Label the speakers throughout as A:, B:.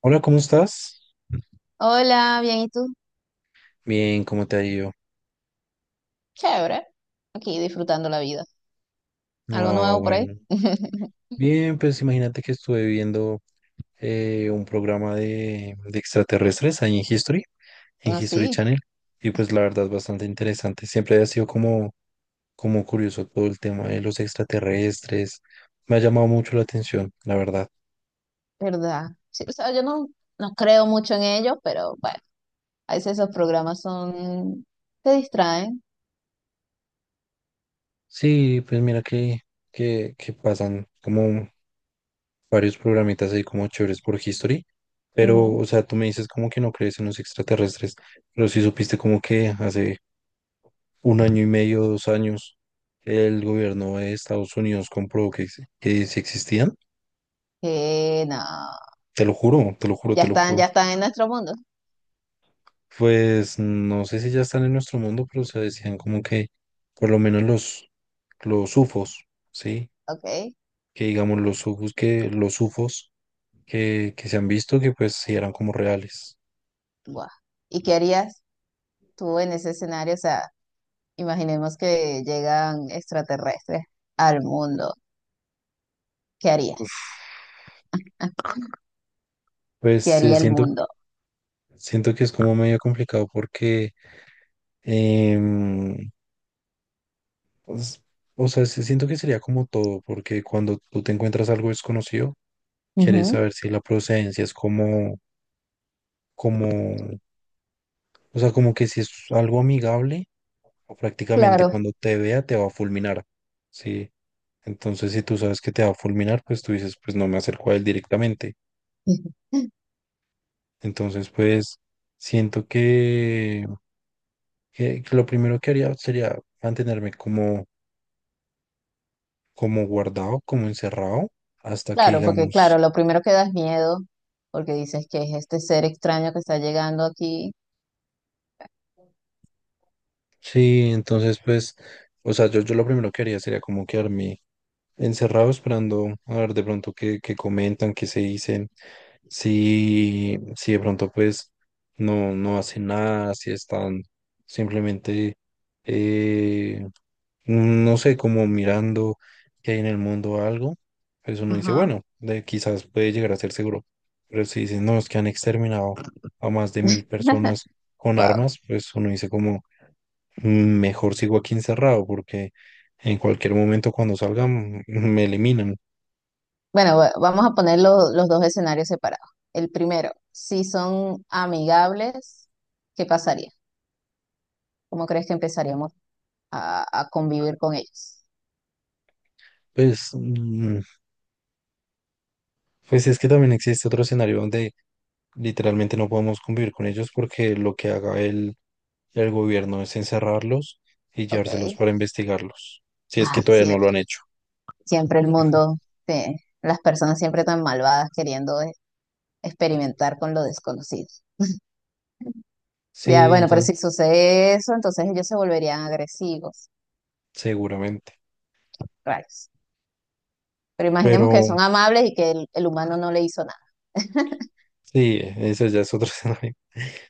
A: Hola, ¿cómo estás?
B: Hola, bien, ¿y tú?
A: Bien, ¿cómo te ha ido?
B: Chévere. Aquí disfrutando la vida. ¿Algo
A: No,
B: nuevo por ahí?
A: bueno. Bien, pues imagínate que estuve viendo un programa de extraterrestres ahí en History
B: Así,
A: Channel, y pues la verdad es bastante interesante. Siempre ha sido como, como curioso todo el tema de los extraterrestres. Me ha llamado mucho la atención, la verdad.
B: ¿verdad? Sí, o sea, yo no creo mucho en ellos, pero bueno, a veces esos programas son te distraen.
A: Sí, pues mira que pasan como varios programitas ahí como chéveres por History, pero,
B: Ujú.
A: o sea, tú me dices como que no crees en los extraterrestres, pero sí supiste como que hace un año y medio, dos años, el gobierno de Estados Unidos comprobó que, que sí existían,
B: Que no,
A: te lo juro, te lo juro,
B: ya
A: te lo
B: están,
A: juro.
B: ya están en nuestro mundo.
A: Pues no sé si ya están en nuestro mundo, pero se decían como que por lo menos los UFOs, ¿sí?
B: Ok,
A: Que digamos los UFOs los UFOs que se han visto que pues sí eran como reales.
B: guau. ¿Y qué harías tú en ese escenario? O sea, imaginemos que llegan extraterrestres al mundo. ¿Qué harías? ¿Qué
A: Pues eh,
B: haría el
A: siento
B: mundo?
A: Siento Que es como medio complicado porque, em, pues, o sea, sí siento que sería como todo, porque cuando tú te encuentras algo desconocido, quieres
B: Ujú.
A: saber si la procedencia es como, como, o sea, como que si es algo amigable o prácticamente
B: Claro.
A: cuando te vea te va a fulminar, ¿sí? Entonces, si tú sabes que te va a fulminar, pues tú dices, pues no me acerco a él directamente. Entonces, pues, siento que lo primero que haría sería mantenerme como como guardado, como encerrado, hasta que
B: Claro, porque claro,
A: digamos,
B: lo primero que da es miedo, porque dices que es este ser extraño que está llegando aquí.
A: sí, entonces pues, o sea, yo lo primero que haría sería como quedarme encerrado esperando a ver de pronto qué, qué comentan, qué se dicen. Si, si de pronto pues no, no hacen nada, si están simplemente, eh, no sé, como mirando que hay en el mundo o algo, pues uno dice,
B: Ajá.
A: bueno, de, quizás puede llegar a ser seguro. Pero si dicen, no, es que han exterminado a más de mil personas con
B: Wow.
A: armas, pues uno dice como, "Mm, mejor sigo aquí encerrado porque en cualquier momento cuando salgan me eliminan".
B: Bueno, vamos a poner los dos escenarios separados. El primero, si son amigables, ¿qué pasaría? ¿Cómo crees que empezaríamos a convivir con ellos?
A: Pues, pues es que también existe otro escenario donde literalmente no podemos convivir con ellos porque lo que haga el gobierno es encerrarlos y
B: Ok.
A: llevárselos
B: Ay,
A: para investigarlos, si es que todavía no
B: siempre,
A: lo han hecho.
B: siempre el mundo, sí, las personas siempre tan malvadas queriendo experimentar con lo desconocido. Ya,
A: Sí,
B: bueno, pero
A: entonces,
B: si sucede eso, entonces ellos se volverían agresivos,
A: seguramente.
B: raros. Pero imaginemos que
A: Pero
B: son amables y que el humano no le hizo nada,
A: sí, eso ya es otro escenario.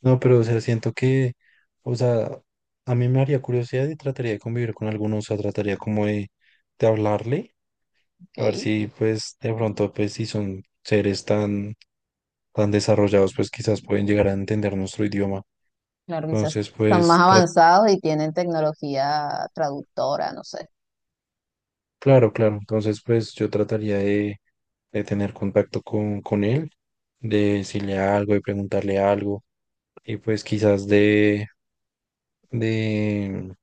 A: No, pero o sea, siento que, o sea, a mí me haría curiosidad y trataría de convivir con algunos, o sea, trataría como de hablarle, a ver
B: ¿ok?
A: si pues de pronto, pues si son seres tan, tan desarrollados, pues quizás pueden llegar a entender nuestro idioma.
B: Claro, quizás
A: Entonces,
B: están más
A: pues
B: avanzados y tienen tecnología traductora, no sé.
A: claro, claro. Entonces, pues yo trataría de tener contacto con él, de decirle algo, de preguntarle algo, y pues quizás de,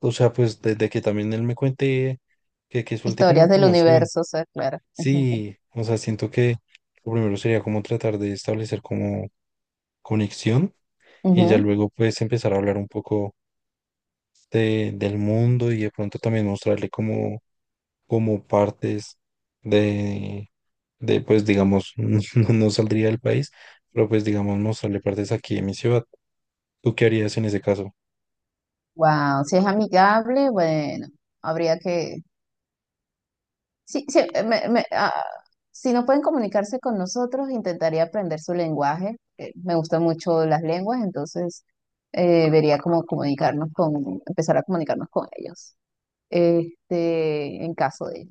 A: o sea, pues desde que también él me cuente, que suelte como
B: Historias del
A: información.
B: universo, o sea, claro.
A: Sí, o sea, siento que lo primero sería como tratar de establecer como conexión y ya
B: Ujú.
A: luego pues empezar a hablar un poco del mundo y de pronto también mostrarle como como partes de, de pues digamos, no, no saldría del país, pero pues digamos mostrarle partes aquí de mi ciudad. ¿Tú qué harías en ese caso?
B: Wow, si es amigable, bueno, habría que Sí, sí, me- me- ah, si no pueden comunicarse con nosotros, intentaría aprender su lenguaje. Me gustan mucho las lenguas, entonces vería cómo comunicarnos con, empezar a comunicarnos con ellos, este, en caso de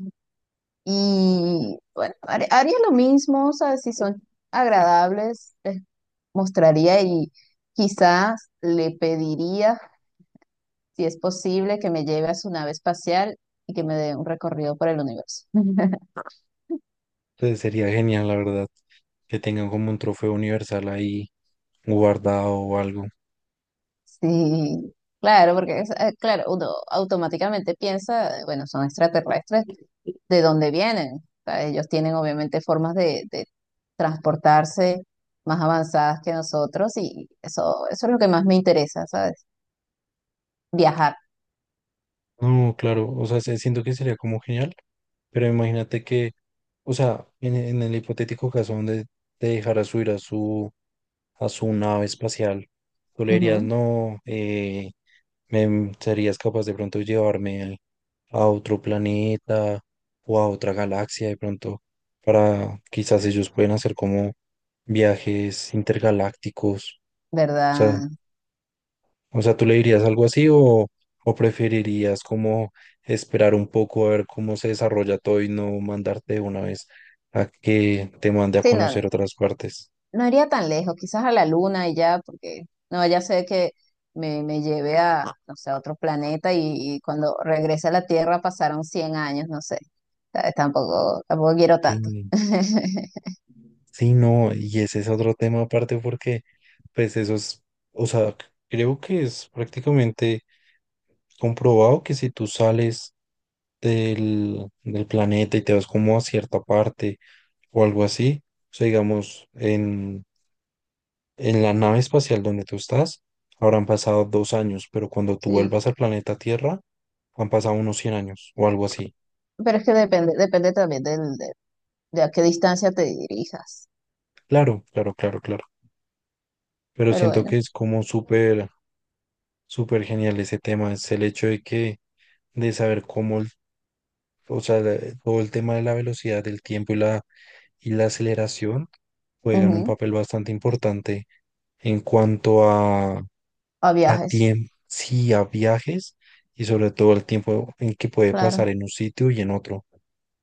B: Y bueno, haría lo mismo, o sea, si son agradables, les mostraría y quizás le pediría, si es posible, que me lleve a su nave espacial y que me dé un recorrido por el universo.
A: Entonces sería genial, la verdad, que tengan como un trofeo universal ahí guardado o algo.
B: Sí, claro, porque claro, uno automáticamente piensa, bueno, son extraterrestres, ¿de dónde vienen? O sea, ellos tienen obviamente formas de transportarse más avanzadas que nosotros y eso es lo que más me interesa, ¿sabes? Viajar,
A: No, claro, o sea, siento que sería como genial, pero imagínate que, o sea, en el hipotético caso donde te dejara subir a a su nave espacial, tú le dirías,
B: ujú,
A: no, ¿serías capaz de pronto llevarme a otro planeta o a otra galaxia de pronto para quizás ellos pueden hacer como viajes intergalácticos? O sea,
B: ¿verdad?
A: o sea, ¿tú le dirías algo así o preferirías como esperar un poco a ver cómo se desarrolla todo y no mandarte de una vez a que te mande a
B: Sí, no,
A: conocer otras partes?
B: no iría tan lejos, quizás a la luna y ya, porque no, ya sé que me lleve a, no sé, a otro planeta y cuando regrese a la Tierra pasaron 100 años, no sé. ¿Sabes? Tampoco, tampoco quiero tanto.
A: Sí. Sí, no, y ese es otro tema aparte porque, pues eso es, o sea, creo que es prácticamente comprobado que si tú sales del planeta y te vas como a cierta parte o algo así, o sea, digamos, en la nave espacial donde tú estás, habrán pasado dos años, pero cuando tú
B: Sí,
A: vuelvas al planeta Tierra, han pasado unos 100 años o algo así.
B: pero es que depende, depende también de a qué distancia te dirijas.
A: Claro, claro, claro, claro. Pero
B: Pero
A: siento
B: bueno,
A: que es como súper, súper genial ese tema, es el hecho de que de saber cómo, o sea, todo el tema de la velocidad, del tiempo y la aceleración juegan un
B: ujú,
A: papel bastante importante en cuanto
B: a
A: a
B: viajes,
A: tiempo, sí, a viajes y sobre todo el tiempo en que puede
B: claro.
A: pasar en un sitio y en otro.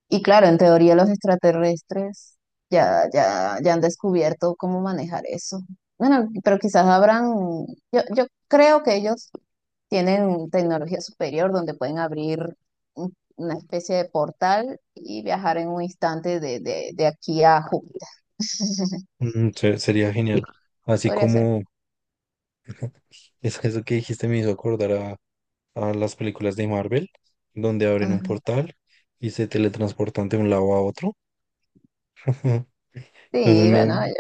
B: Y claro, en teoría los extraterrestres ya han descubierto cómo manejar eso. Bueno, pero quizás habrán, yo creo que ellos tienen tecnología superior donde pueden abrir una especie de portal y viajar en un instante de aquí a Júpiter.
A: Mm, sería genial. Así
B: Podría ser.
A: como es que eso que dijiste me hizo acordar a las películas de Marvel, donde abren un
B: Ajá.
A: portal y se teletransportan de un lado a otro. Entonces,
B: Sí,
A: me-
B: bueno,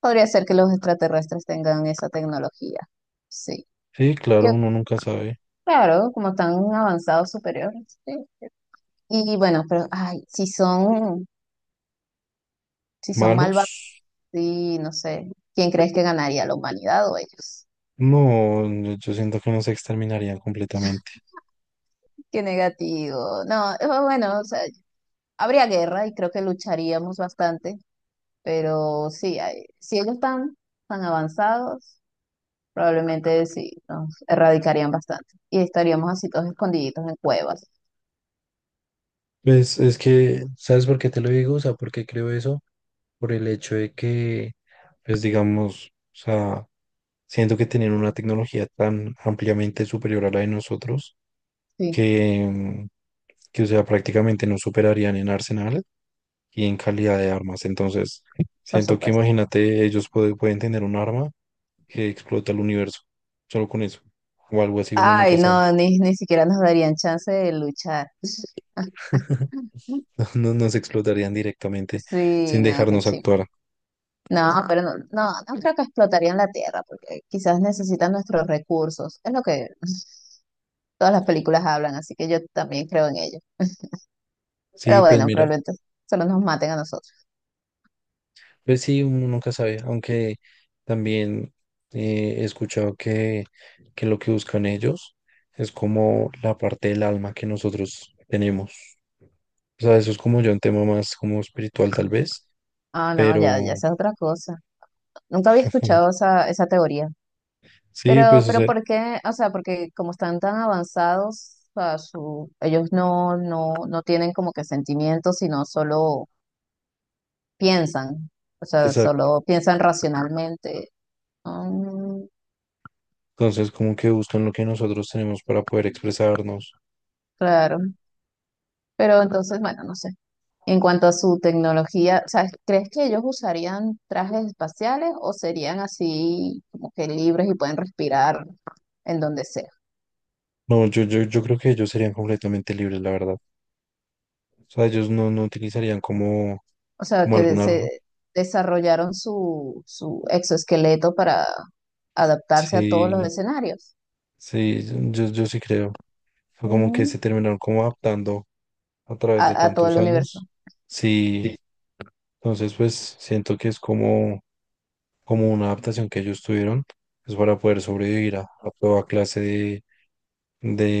B: podría ser que los extraterrestres tengan esa tecnología. Sí.
A: sí,
B: Yo,
A: claro, uno nunca sabe.
B: claro, como están avanzados superiores. Sí. Y bueno, pero ay, si son, si son
A: ¿Malos?
B: malvados, sí, no sé, ¿quién crees que ganaría, la humanidad o ellos?
A: No, no, yo siento que no se exterminarían completamente.
B: Qué negativo. No, bueno, o sea, habría guerra y creo que lucharíamos bastante, pero sí, si ellos están tan avanzados, probablemente sí, nos erradicarían bastante y estaríamos así todos escondiditos en cuevas.
A: Pues es que, ¿sabes por qué te lo digo? O sea, ¿por qué creo eso? Por el hecho de que, pues digamos, o sea, siento que tienen una tecnología tan ampliamente superior a la de nosotros
B: Sí,
A: que, o sea, prácticamente nos superarían en arsenal y en calidad de armas. Entonces,
B: por
A: siento que
B: supuesto.
A: imagínate, ellos pueden tener un arma que explota el universo, solo con eso, o algo así, uno nunca
B: Ay,
A: sabe.
B: no, ni siquiera nos darían chance de luchar.
A: Nos explotarían directamente
B: Sí,
A: sin
B: no, qué
A: dejarnos
B: chido.
A: actuar.
B: No, pero no, no, no creo que explotarían la Tierra, porque quizás necesitan nuestros recursos. Es lo que todas las películas hablan, así que yo también creo en ello. Pero
A: Sí, pues
B: bueno,
A: mira,
B: probablemente solo nos maten a nosotros.
A: pues sí, uno nunca sabe, aunque también he escuchado que lo que buscan ellos es como la parte del alma que nosotros tenemos. O sea, eso es como ya un tema más como espiritual tal vez,
B: Ah, no,
A: pero
B: ya, ya esa es otra cosa. Nunca había escuchado esa, esa teoría.
A: sí, pues o
B: Pero
A: sea,
B: ¿por qué? O sea, porque como están tan avanzados, o sea, su, ellos no tienen como que sentimientos, sino solo piensan, o sea,
A: exacto.
B: solo piensan racionalmente. Mm,
A: Entonces como que buscan lo que nosotros tenemos para poder expresarnos.
B: claro, pero entonces, bueno, no sé. En cuanto a su tecnología, o sea, ¿crees que ellos usarían trajes espaciales o serían así como que libres y pueden respirar en donde sea?
A: No, yo creo que ellos serían completamente libres, la verdad. O sea, ellos no, no utilizarían como
B: O sea,
A: como
B: que se desarrollaron su, su exoesqueleto para adaptarse a todos
A: sí,
B: los escenarios,
A: sí, yo sí creo. Fue como que
B: mm,
A: se terminaron como adaptando a través de
B: a todo el
A: tantos
B: universo.
A: años. Sí,
B: Sí.
A: entonces pues siento que es como, como una adaptación que ellos tuvieron, pues para poder sobrevivir a toda clase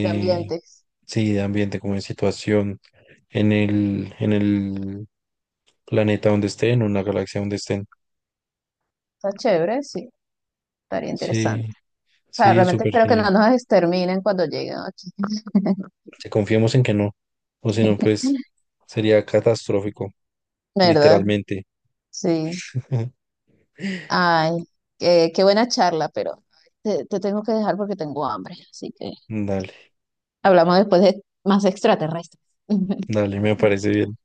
B: De ambientes.
A: sí, de ambiente, como de situación en el planeta donde estén, en una galaxia donde estén.
B: Está chévere, sí, estaría
A: Sí,
B: interesante. O sea,
A: sí,
B: realmente
A: súper
B: espero que no
A: genial.
B: nos exterminen cuando lleguen aquí,
A: Si confiemos en que no, o si no, pues sería catastrófico.
B: ¿verdad?
A: Literalmente.
B: Sí. Ay, qué, qué buena charla, pero te tengo que dejar porque tengo hambre. Así que
A: Dale,
B: hablamos después de más extraterrestres.
A: dale, me parece bien.